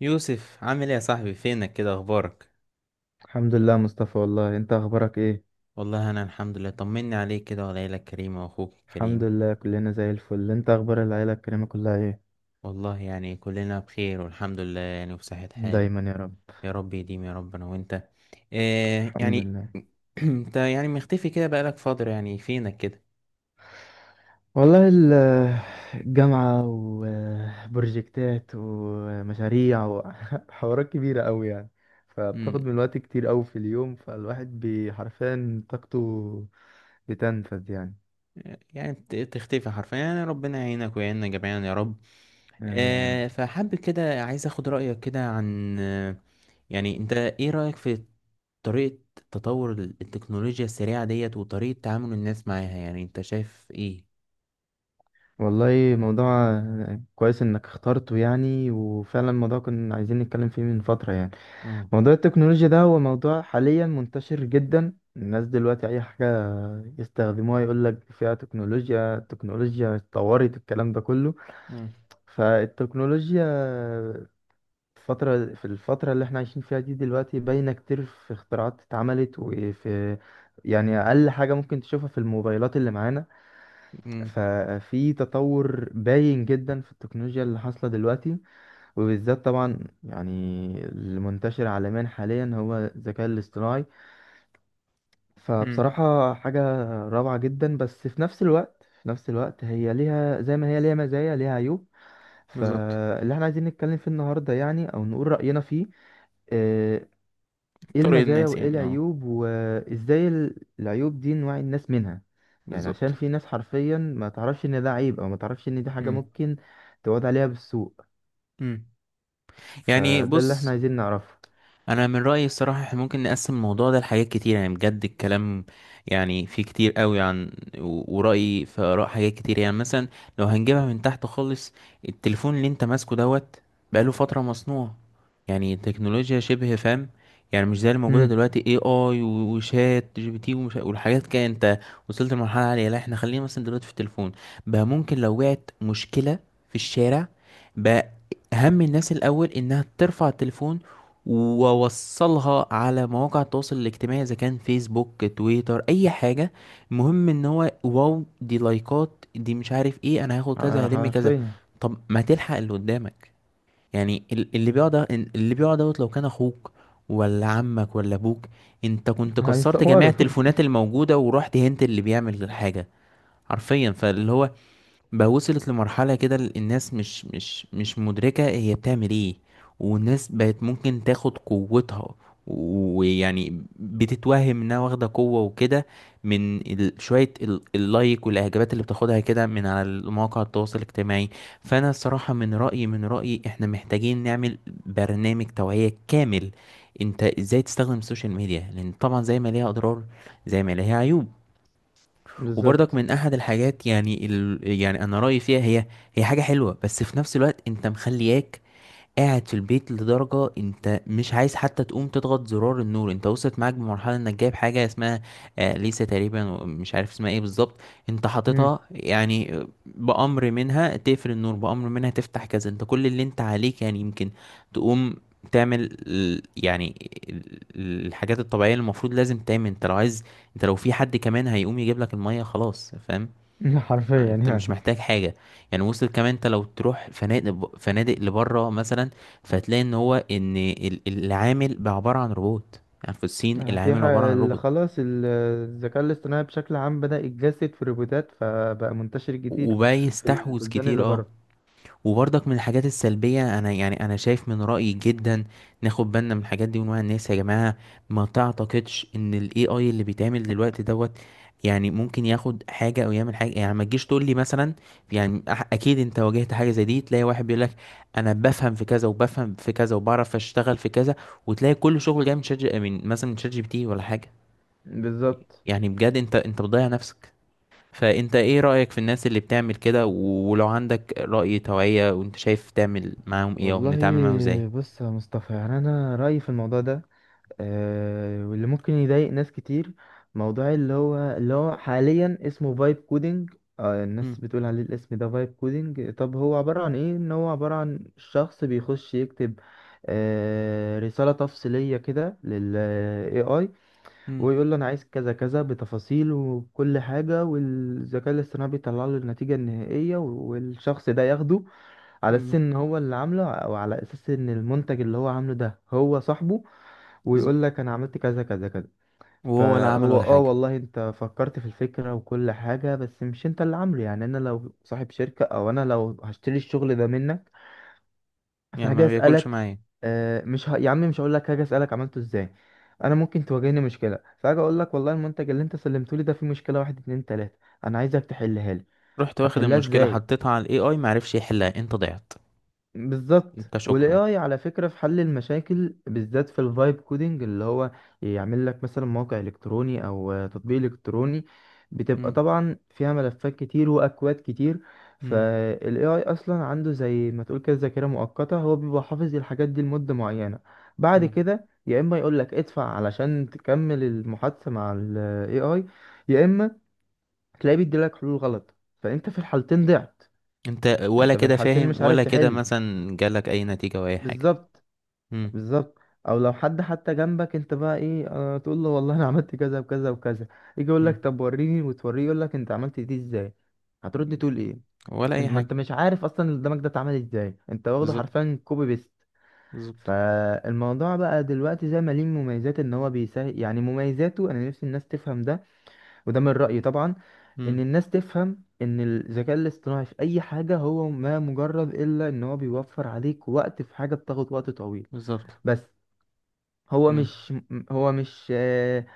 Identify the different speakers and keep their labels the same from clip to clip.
Speaker 1: يوسف، عامل ايه يا صاحبي؟ فينك كده؟ اخبارك؟
Speaker 2: الحمد لله، مصطفى. والله انت اخبارك ايه؟
Speaker 1: والله انا الحمد لله، طمني عليك كده وعلى عيلة كريمة واخوك
Speaker 2: الحمد
Speaker 1: الكريم.
Speaker 2: لله، كلنا زي الفل. انت اخبار العيله الكريمه كلها ايه؟
Speaker 1: والله كلنا بخير والحمد لله وبصحة حال.
Speaker 2: دايما يا رب.
Speaker 1: يا رب يديم يا رب انا وانت. إيه
Speaker 2: الحمد
Speaker 1: يعني؟
Speaker 2: لله.
Speaker 1: انت مختفي كده بقالك فترة، يعني فينك كده؟
Speaker 2: والله الجامعه وبروجكتات ومشاريع وحوارات كبيره قوي يعني، فبتاخد
Speaker 1: امم
Speaker 2: من الوقت كتير قوي في اليوم، فالواحد حرفيا طاقته بتنفذ يعني.
Speaker 1: يعني تختفي حرفيا، يعني ربنا يعينك ويعيننا جميعا يا رب.
Speaker 2: امين يا رب.
Speaker 1: فحابب كده، عايز اخد رأيك كده عن يعني انت ايه رأيك في طريقة تطور التكنولوجيا السريعة ديت، وطريقة تعامل الناس معاها؟ يعني انت شايف ايه؟
Speaker 2: والله موضوع كويس انك اخترته، يعني وفعلا الموضوع كنا عايزين نتكلم فيه من فتره يعني.
Speaker 1: اه.
Speaker 2: موضوع التكنولوجيا ده هو موضوع حاليا منتشر جدا، الناس دلوقتي اي حاجة يستخدموها يقول لك فيها تكنولوجيا. التكنولوجيا اتطورت، الكلام ده كله.
Speaker 1: امم.
Speaker 2: فالتكنولوجيا في الفترة اللي احنا عايشين فيها دي دلوقتي باينة كتير، في اختراعات اتعملت، وفي يعني اقل حاجة ممكن تشوفها في الموبايلات اللي معانا.
Speaker 1: امم.
Speaker 2: ففي تطور باين جدا في التكنولوجيا اللي حاصلة دلوقتي، وبالذات طبعا يعني المنتشر عالميا حاليا هو الذكاء الاصطناعي.
Speaker 1: امم.
Speaker 2: فبصراحة حاجة روعة جدا، بس في نفس الوقت هي ليها زي ما هي ليها مزايا ليها عيوب.
Speaker 1: بالظبط.
Speaker 2: فاللي احنا عايزين نتكلم فيه النهاردة يعني أو نقول رأينا فيه، آه، ايه
Speaker 1: طرق
Speaker 2: المزايا
Speaker 1: الناس،
Speaker 2: وايه
Speaker 1: يعني اه
Speaker 2: العيوب، وازاي العيوب دي نوعي الناس منها. يعني عشان
Speaker 1: بالظبط.
Speaker 2: في ناس حرفيا ما تعرفش ان ده عيب، او ما تعرفش ان دي حاجة
Speaker 1: امم.
Speaker 2: ممكن تعود عليها بالسوء.
Speaker 1: امم. يعني
Speaker 2: فده اللي احنا
Speaker 1: بص،
Speaker 2: عايزين نعرفه.
Speaker 1: انا من رايي الصراحه احنا ممكن نقسم الموضوع ده لحاجات كتير، يعني بجد الكلام يعني فيه كتير قوي عن ورايي في اراء حاجات كتير. يعني مثلا لو هنجيبها من تحت خالص، التليفون اللي انت ماسكه دوت بقاله فتره مصنوع، يعني التكنولوجيا شبه فاهم، يعني مش زي اللي موجوده
Speaker 2: امم.
Speaker 1: دلوقتي اي اي وشات جي بي تي والحاجات كده. انت وصلت لمرحله عاليه. لا احنا خلينا مثلا دلوقتي في التليفون، بقى ممكن لو وقعت مشكله في الشارع، بقى اهم الناس الاول انها ترفع التليفون واوصلها على مواقع التواصل الاجتماعي، اذا كان فيسبوك تويتر اي حاجه، المهم ان هو واو دي لايكات دي مش عارف ايه، انا هاخد كذا هلم كذا.
Speaker 2: حرفيا.
Speaker 1: طب ما تلحق اللي قدامك؟ يعني اللي بيقعد، اللي بيقعد دوت، لو كان اخوك ولا عمك ولا ابوك، انت كنت كسرت جميع
Speaker 2: هيصوروا.
Speaker 1: التليفونات الموجوده ورحت هنت اللي بيعمل الحاجه حرفيا. فاللي هو بقى وصلت لمرحلة كده الناس مش مدركة هي بتعمل ايه. والناس بقت ممكن تاخد قوتها، ويعني بتتوهم انها واخدة قوة وكده، من شوية اللايك والاعجابات اللي بتاخدها كده من على مواقع التواصل الاجتماعي. فانا الصراحة من رأيي احنا محتاجين نعمل برنامج توعية كامل، انت ازاي تستخدم السوشيال ميديا، لان طبعا زي ما ليها اضرار زي ما ليها عيوب. وبرضك
Speaker 2: بالظبط.
Speaker 1: من احد الحاجات يعني انا رايي فيها، هي هي حاجه حلوه، بس في نفس الوقت انت مخلياك قاعد في البيت لدرجة انت مش عايز حتى تقوم تضغط زرار النور. انت وصلت معاك بمرحلة انك جايب حاجة اسمها ليسا تقريبا، مش عارف اسمها ايه بالظبط، انت
Speaker 2: امم.
Speaker 1: حاططها، يعني بأمر منها تقفل النور، بأمر منها تفتح كذا. انت كل اللي انت عليك يعني يمكن تقوم تعمل الحاجات الطبيعية اللي المفروض لازم تعمل انت لو عايز. انت لو في حد كمان هيقوم يجيب لك المية، خلاص فاهم،
Speaker 2: حرفيا
Speaker 1: انت مش
Speaker 2: يعني.
Speaker 1: محتاج حاجه. يعني وصل كمان انت لو تروح فنادق فنادق لبره مثلا، فهتلاقي ان هو ان العامل بقى عباره عن روبوت. يعني في الصين
Speaker 2: في
Speaker 1: العامل عباره
Speaker 2: حاجة
Speaker 1: عن روبوت.
Speaker 2: خلاص الذكاء الاصطناعي بشكل عام بدأ يتجسد في روبوتات، فبقى منتشر كتير
Speaker 1: وبقى
Speaker 2: في
Speaker 1: يستحوذ
Speaker 2: البلدان
Speaker 1: كتير
Speaker 2: اللي
Speaker 1: اه.
Speaker 2: بره.
Speaker 1: وبرضك من الحاجات السلبية، أنا أنا شايف من رأيي جدا ناخد بالنا من الحاجات دي ونوعي الناس يا جماعة. ما تعتقدش إن ال AI اللي بيتعمل دلوقتي دوت يعني ممكن ياخد حاجة أو يعمل حاجة. يعني ما تجيش تقول لي مثلا، يعني أكيد أنت واجهت حاجة زي دي، تلاقي واحد بيقول لك أنا بفهم في كذا وبفهم في كذا وبعرف أشتغل في كذا، وتلاقي كل شغل جاي من شات جي- من مثلا من شات جي بي تي ولا حاجة.
Speaker 2: بالظبط.
Speaker 1: يعني بجد أنت بتضيع نفسك. فانت ايه رأيك في الناس اللي بتعمل كده؟ ولو عندك رأي توعية وانت شايف، تعمل معاهم ايه او
Speaker 2: والله
Speaker 1: بنتعامل معاهم ازاي؟
Speaker 2: بص يا مصطفى، يعني أنا رأيي في الموضوع ده، واللي ممكن يضايق ناس كتير، موضوع اللي هو حاليا اسمه فايب كودينج. الناس
Speaker 1: مم.
Speaker 2: بتقول عليه الاسم ده فايب كودينج. طب هو عبارة عن ايه؟ ان هو عبارة عن شخص بيخش يكتب رسالة تفصيلية كده لل AI،
Speaker 1: مم.
Speaker 2: ويقول له انا عايز كذا كذا بتفاصيل وكل حاجه، والذكاء الاصطناعي بيطلع له النتيجه النهائيه، والشخص ده ياخده على اساس
Speaker 1: مم.
Speaker 2: ان هو اللي عامله، او على اساس ان المنتج اللي هو عامله ده هو صاحبه، ويقول
Speaker 1: بالظبط.
Speaker 2: لك انا عملت كذا كذا كذا.
Speaker 1: وهو ولا عمل
Speaker 2: فهو
Speaker 1: ولا حاجة.
Speaker 2: والله انت فكرت في الفكره وكل حاجه، بس مش انت اللي عامله يعني. انا لو صاحب شركه، او انا لو هشتري الشغل ده منك، في
Speaker 1: يعني ما
Speaker 2: حاجة
Speaker 1: بياكلش
Speaker 2: أسألك.
Speaker 1: معايا.
Speaker 2: مش ه... يا عم مش هقول لك حاجة أسألك عملته ازاي. انا ممكن تواجهني مشكلة، فاجي اقول لك والله المنتج اللي انت سلمته لي ده فيه مشكلة واحد اتنين تلاتة، انا عايزك تحلها لي.
Speaker 1: رحت واخد
Speaker 2: هتحلها
Speaker 1: المشكلة
Speaker 2: ازاي؟
Speaker 1: حطيتها على الاي اي، معرفش يحلها، انت ضيعت.
Speaker 2: بالظبط.
Speaker 1: انت
Speaker 2: والاي
Speaker 1: شكرا.
Speaker 2: اي على فكره في حل المشاكل، بالذات في الفايب كودينج اللي هو يعمل لك مثلا موقع الكتروني او تطبيق الكتروني، بتبقى
Speaker 1: مم.
Speaker 2: طبعا فيها ملفات كتير واكواد كتير،
Speaker 1: مم.
Speaker 2: فالاي اي اصلا عنده زي ما تقول كده ذاكره مؤقته، هو بيبقى حافظ الحاجات دي لمده معينه. بعد
Speaker 1: مم.
Speaker 2: كده يا اما يقول لك ادفع علشان تكمل المحادثه مع الاي اي، يا اما تلاقيه بيديلك حلول غلط، فانت في الحالتين ضعت.
Speaker 1: انت ولا
Speaker 2: انت في
Speaker 1: كده
Speaker 2: الحالتين
Speaker 1: فاهم
Speaker 2: مش عارف
Speaker 1: ولا كده
Speaker 2: تحل.
Speaker 1: مثلا جالك اي نتيجة او اي حاجة.
Speaker 2: بالظبط.
Speaker 1: مم.
Speaker 2: بالظبط. او لو حد حتى جنبك، انت بقى ايه تقول له والله انا عملت كذا وكذا وكذا، يجي يقول
Speaker 1: مم.
Speaker 2: لك طب وريني، وتوريه يقول لك انت عملت دي ازاي، هترد تقول ايه؟
Speaker 1: ولا اي
Speaker 2: انت ما
Speaker 1: حاجة.
Speaker 2: انت مش عارف اصلا اللي قدامك ده اتعمل ازاي، انت واخده
Speaker 1: بالظبط.
Speaker 2: حرفيا كوبي بيست.
Speaker 1: بالظبط.
Speaker 2: فالموضوع بقى دلوقتي زي ما ليه مميزات ان هو بيسهل، يعني مميزاته انا نفسي الناس تفهم ده. وده من رأيي طبعا، ان
Speaker 1: مم.
Speaker 2: الناس تفهم ان الذكاء الاصطناعي في اي حاجة هو ما مجرد الا ان هو بيوفر عليك وقت في حاجة بتاخد وقت طويل.
Speaker 1: بالظبط.
Speaker 2: بس هو
Speaker 1: مم.
Speaker 2: مش م- هو مش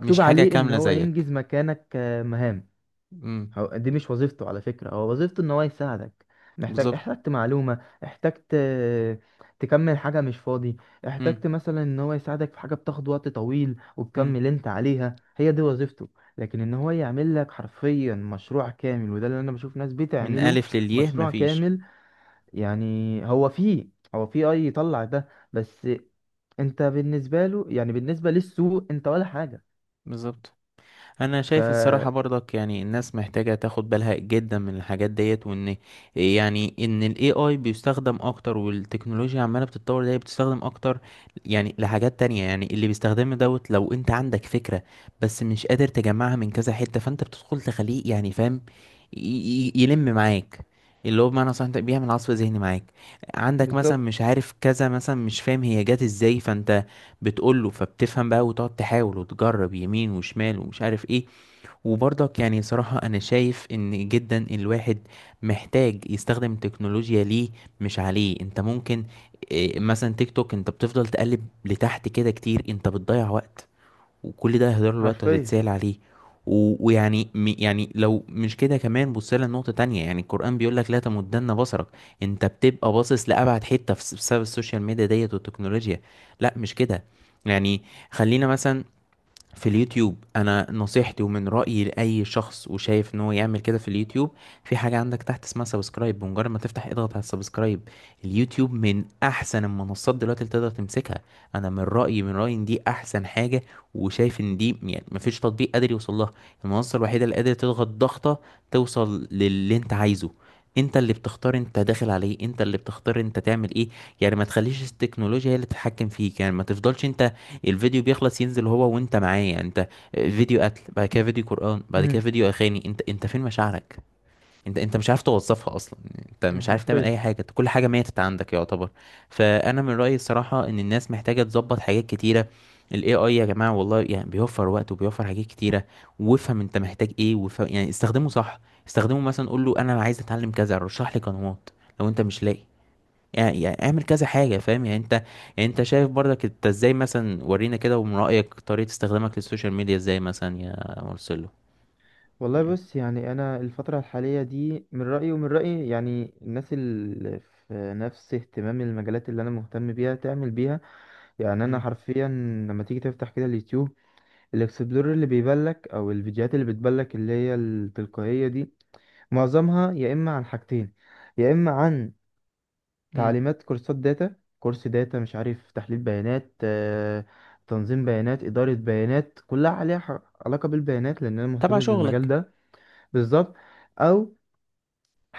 Speaker 1: مش حاجة
Speaker 2: عليه ان
Speaker 1: كاملة
Speaker 2: هو
Speaker 1: زيك.
Speaker 2: ينجز مكانك مهام.
Speaker 1: امم.
Speaker 2: هو دي مش وظيفته على فكرة. هو وظيفته ان هو يساعدك. محتاج،
Speaker 1: بالظبط.
Speaker 2: احتجت معلومة، احتجت تكمل حاجة مش فاضي،
Speaker 1: امم.
Speaker 2: احتجت مثلا ان هو يساعدك في حاجة بتاخد وقت طويل
Speaker 1: امم.
Speaker 2: وتكمل انت عليها. هي دي وظيفته. لكن ان هو يعمل لك حرفيا مشروع كامل، وده اللي انا بشوف ناس
Speaker 1: من
Speaker 2: بتعمله،
Speaker 1: ألف للياء
Speaker 2: مشروع
Speaker 1: مفيش.
Speaker 2: كامل، يعني هو فيه هو فيه اي يطلع ده بس انت بالنسبه له، يعني بالنسبه للسوق، انت ولا حاجه.
Speaker 1: بالظبط. انا
Speaker 2: ف
Speaker 1: شايف الصراحه برضك، يعني الناس محتاجه تاخد بالها جدا من الحاجات ديت. وان يعني ان الاي اي بيستخدم اكتر والتكنولوجيا عماله بتتطور دي بتستخدم اكتر يعني لحاجات تانية. يعني اللي بيستخدمه دوت لو انت عندك فكره بس مش قادر تجمعها من كذا حته، فانت بتدخل تخليه يعني فاهم، ي- يلم معاك، اللي هو بمعنى صح انت بيعمل عصف ذهني معاك. عندك مثلا مش
Speaker 2: بالظبط.
Speaker 1: عارف كذا، مثلا مش فاهم هي جت ازاي، فانت بتقول له، فبتفهم بقى، وتقعد تحاول وتجرب يمين وشمال ومش عارف ايه. وبرضك يعني صراحة أنا شايف إن جدا الواحد محتاج يستخدم التكنولوجيا ليه مش عليه. أنت ممكن مثلا تيك توك أنت بتفضل تقلب لتحت كده كتير، أنت بتضيع وقت، وكل ده هيهدر له الوقت
Speaker 2: حرفيا.
Speaker 1: وهتتسال عليه. ويعني يعني لو مش كده كمان، بص لها نقطة تانية، يعني القرآن بيقول لك لا تمدن بصرك. انت بتبقى باصص لأبعد حتة بسبب السوشيال ميديا ديت والتكنولوجيا. لا مش كده. يعني خلينا مثلا في اليوتيوب، انا نصيحتي ومن رأيي لأي شخص وشايف ان هو يعمل كده في اليوتيوب، في حاجة عندك تحت اسمها سبسكرايب، بمجرد ما تفتح اضغط على السبسكرايب. اليوتيوب من احسن المنصات دلوقتي اللي تقدر تمسكها. انا من رأيي ان دي احسن حاجة، وشايف ان دي يعني مفيش تطبيق قادر يوصل لها. المنصة الوحيدة اللي قادرة تضغط ضغطة توصل للي انت عايزه. انت اللي بتختار انت داخل عليه، انت اللي بتختار انت تعمل ايه. يعني ما تخليش التكنولوجيا هي اللي تتحكم فيك. يعني ما تفضلش انت الفيديو بيخلص ينزل هو وانت معايا، انت فيديو قتل، بعد كده فيديو قرآن، بعد كده
Speaker 2: امم.
Speaker 1: فيديو اغاني. انت فين مشاعرك؟ انت مش عارف توظفها اصلا. انت مش عارف تعمل
Speaker 2: حرفيا.
Speaker 1: اي حاجه، انت كل حاجه ماتت عندك يعتبر. فانا من رايي الصراحه ان الناس محتاجه تظبط حاجات كتيره. الاي اي يا جماعه والله يعني بيوفر وقت وبيوفر حاجات كتيره، وافهم انت محتاج ايه، وافهم يعني استخدمه صح. استخدمه مثلا، قول له انا عايز اتعلم كذا رشح لي قنوات لو انت مش لاقي، يعني يعني اعمل كذا حاجة فاهم يعني انت. يعني انت شايف برضك انت ازاي مثلا؟ ورينا كده ومن رأيك طريقة استخدامك للسوشيال ميديا ازاي مثلا يا مرسلو؟
Speaker 2: والله
Speaker 1: مم.
Speaker 2: بص، يعني انا الفتره الحاليه دي من رايي ومن راي، يعني الناس اللي في نفس اهتمام المجالات اللي انا مهتم بيها تعمل بيها. يعني انا
Speaker 1: مم.
Speaker 2: حرفيا لما تيجي تفتح كده اليوتيوب، الاكسبلور اللي بيبلك او الفيديوهات اللي بتبلك اللي هي التلقائيه دي، معظمها يا اما عن حاجتين. يا اما عن
Speaker 1: مم.
Speaker 2: تعليمات كورسات داتا، كورس داتا مش عارف تحليل بيانات، تنظيم بيانات، إدارة بيانات، كلها عليها علاقة بالبيانات، لأن أنا
Speaker 1: تبع
Speaker 2: مهتم بالمجال
Speaker 1: شغلك.
Speaker 2: ده. بالظبط. أو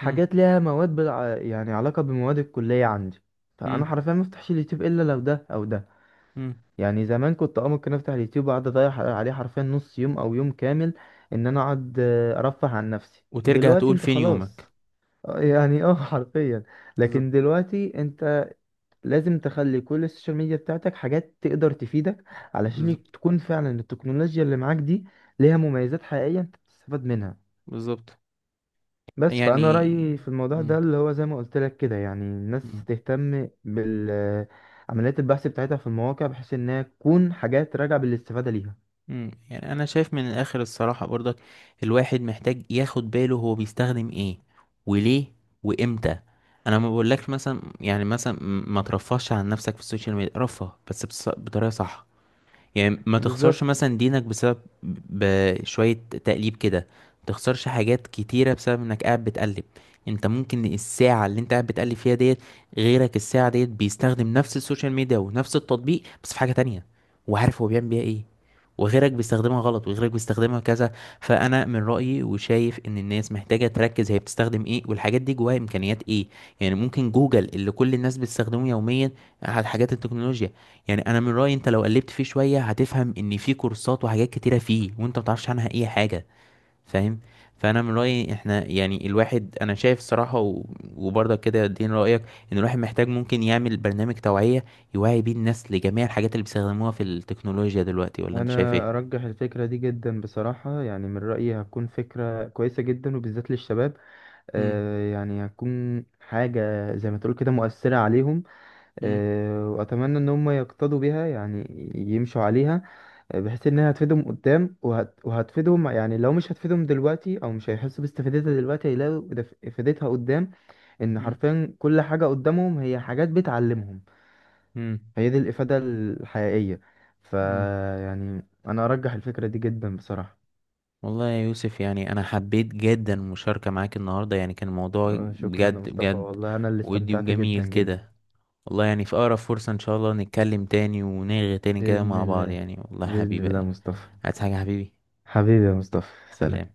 Speaker 1: مم.
Speaker 2: ليها مواد يعني علاقة بمواد الكلية عندي. فأنا
Speaker 1: مم.
Speaker 2: حرفيا ما افتحش اليوتيوب إلا لو ده أو ده.
Speaker 1: مم.
Speaker 2: يعني زمان كنت ممكن افتح اليوتيوب واقعد اضيع عليه حرفيا نص يوم او يوم كامل، ان انا اقعد ارفه عن نفسي.
Speaker 1: وترجع
Speaker 2: دلوقتي
Speaker 1: تقول
Speaker 2: انت
Speaker 1: فين يومك.
Speaker 2: خلاص. يعني حرفيا.
Speaker 1: بالظبط.
Speaker 2: لكن دلوقتي انت لازم تخلي كل السوشيال ميديا بتاعتك حاجات تقدر تفيدك، علشان
Speaker 1: بالظبط.
Speaker 2: تكون فعلا التكنولوجيا اللي معاك دي ليها مميزات حقيقية انت بتستفاد منها.
Speaker 1: بالظبط.
Speaker 2: بس فأنا
Speaker 1: يعني
Speaker 2: رأيي في الموضوع
Speaker 1: مم.
Speaker 2: ده اللي هو زي ما قلت لك كده، يعني الناس
Speaker 1: مم.
Speaker 2: تهتم بال عمليات البحث بتاعتها في المواقع، بحيث انها تكون حاجات راجعة بالاستفادة ليها.
Speaker 1: مم. يعني انا شايف من الاخر الصراحة برضك، الواحد محتاج ياخد باله هو بيستخدم ايه وليه وامتى. انا ما بقولكش مثلا يعني ما ترفهش عن نفسك في السوشيال ميديا، رفه بس بطريقة صح. يعني ما تخسرش
Speaker 2: بالظبط.
Speaker 1: مثلا دينك بسبب بشوية تقليب كده، ما تخسرش حاجات كتيرة بسبب انك قاعد بتقلب. انت ممكن الساعة اللي انت قاعد بتقلب فيها ديت، غيرك الساعة ديت بيستخدم نفس السوشيال ميديا ونفس التطبيق بس في حاجة تانية، وعارف هو بيعمل بيها ايه. وغيرك بيستخدمها غلط، وغيرك بيستخدمها كذا. فانا من رأيي وشايف ان الناس محتاجة تركز هي بتستخدم ايه، والحاجات دي جواها امكانيات ايه. يعني ممكن جوجل اللي كل الناس بتستخدمه يوميا، على حاجات التكنولوجيا، يعني انا من رايي انت لو قلبت فيه شويه هتفهم ان في كورسات وحاجات كتيره فيه وانت متعرفش عنها اي حاجه، فاهم. فانا من رايي احنا يعني الواحد، انا شايف الصراحه وبرضك كده ادين رايك، ان الواحد محتاج ممكن يعمل برنامج توعيه يوعي بيه الناس لجميع الحاجات اللي بيستخدموها في التكنولوجيا دلوقتي، ولا انت شايف ايه؟
Speaker 2: انا ارجح الفكرة دي جدا بصراحة، يعني من رأيي هتكون فكرة كويسة جدا، وبالذات للشباب.
Speaker 1: مم.
Speaker 2: يعني هتكون حاجة زي ما تقول كده مؤثرة عليهم.
Speaker 1: مم.
Speaker 2: واتمنى ان هم يقتدوا بيها، يعني يمشوا عليها، بحيث انها هتفيدهم قدام وهتفيدهم. يعني لو مش هتفيدهم دلوقتي او مش هيحسوا باستفادتها دلوقتي، هيلاقوا افادتها قدام، ان
Speaker 1: مم.
Speaker 2: حرفيا كل حاجة قدامهم هي حاجات بتعلمهم.
Speaker 1: مم.
Speaker 2: فهي دي الافادة الحقيقية. ف
Speaker 1: مم.
Speaker 2: يعني انا ارجح الفكرة دي جدا بصراحة.
Speaker 1: والله يا يوسف يعني انا حبيت جدا المشاركه معاك النهارده، يعني كان الموضوع
Speaker 2: شكرا يا
Speaker 1: بجد
Speaker 2: مصطفى.
Speaker 1: بجد
Speaker 2: والله انا اللي
Speaker 1: ودي
Speaker 2: استمتعت
Speaker 1: وجميل
Speaker 2: جدا جدا.
Speaker 1: كده. والله يعني في أقرب فرصة إن شاء الله نتكلم تاني ونرغي تاني كده
Speaker 2: بإذن
Speaker 1: مع بعض،
Speaker 2: الله.
Speaker 1: يعني والله
Speaker 2: بإذن
Speaker 1: حبيبي.
Speaker 2: الله يا مصطفى.
Speaker 1: عايز حاجة يا حبيبي؟
Speaker 2: حبيبي يا مصطفى.
Speaker 1: سلام.
Speaker 2: سلام.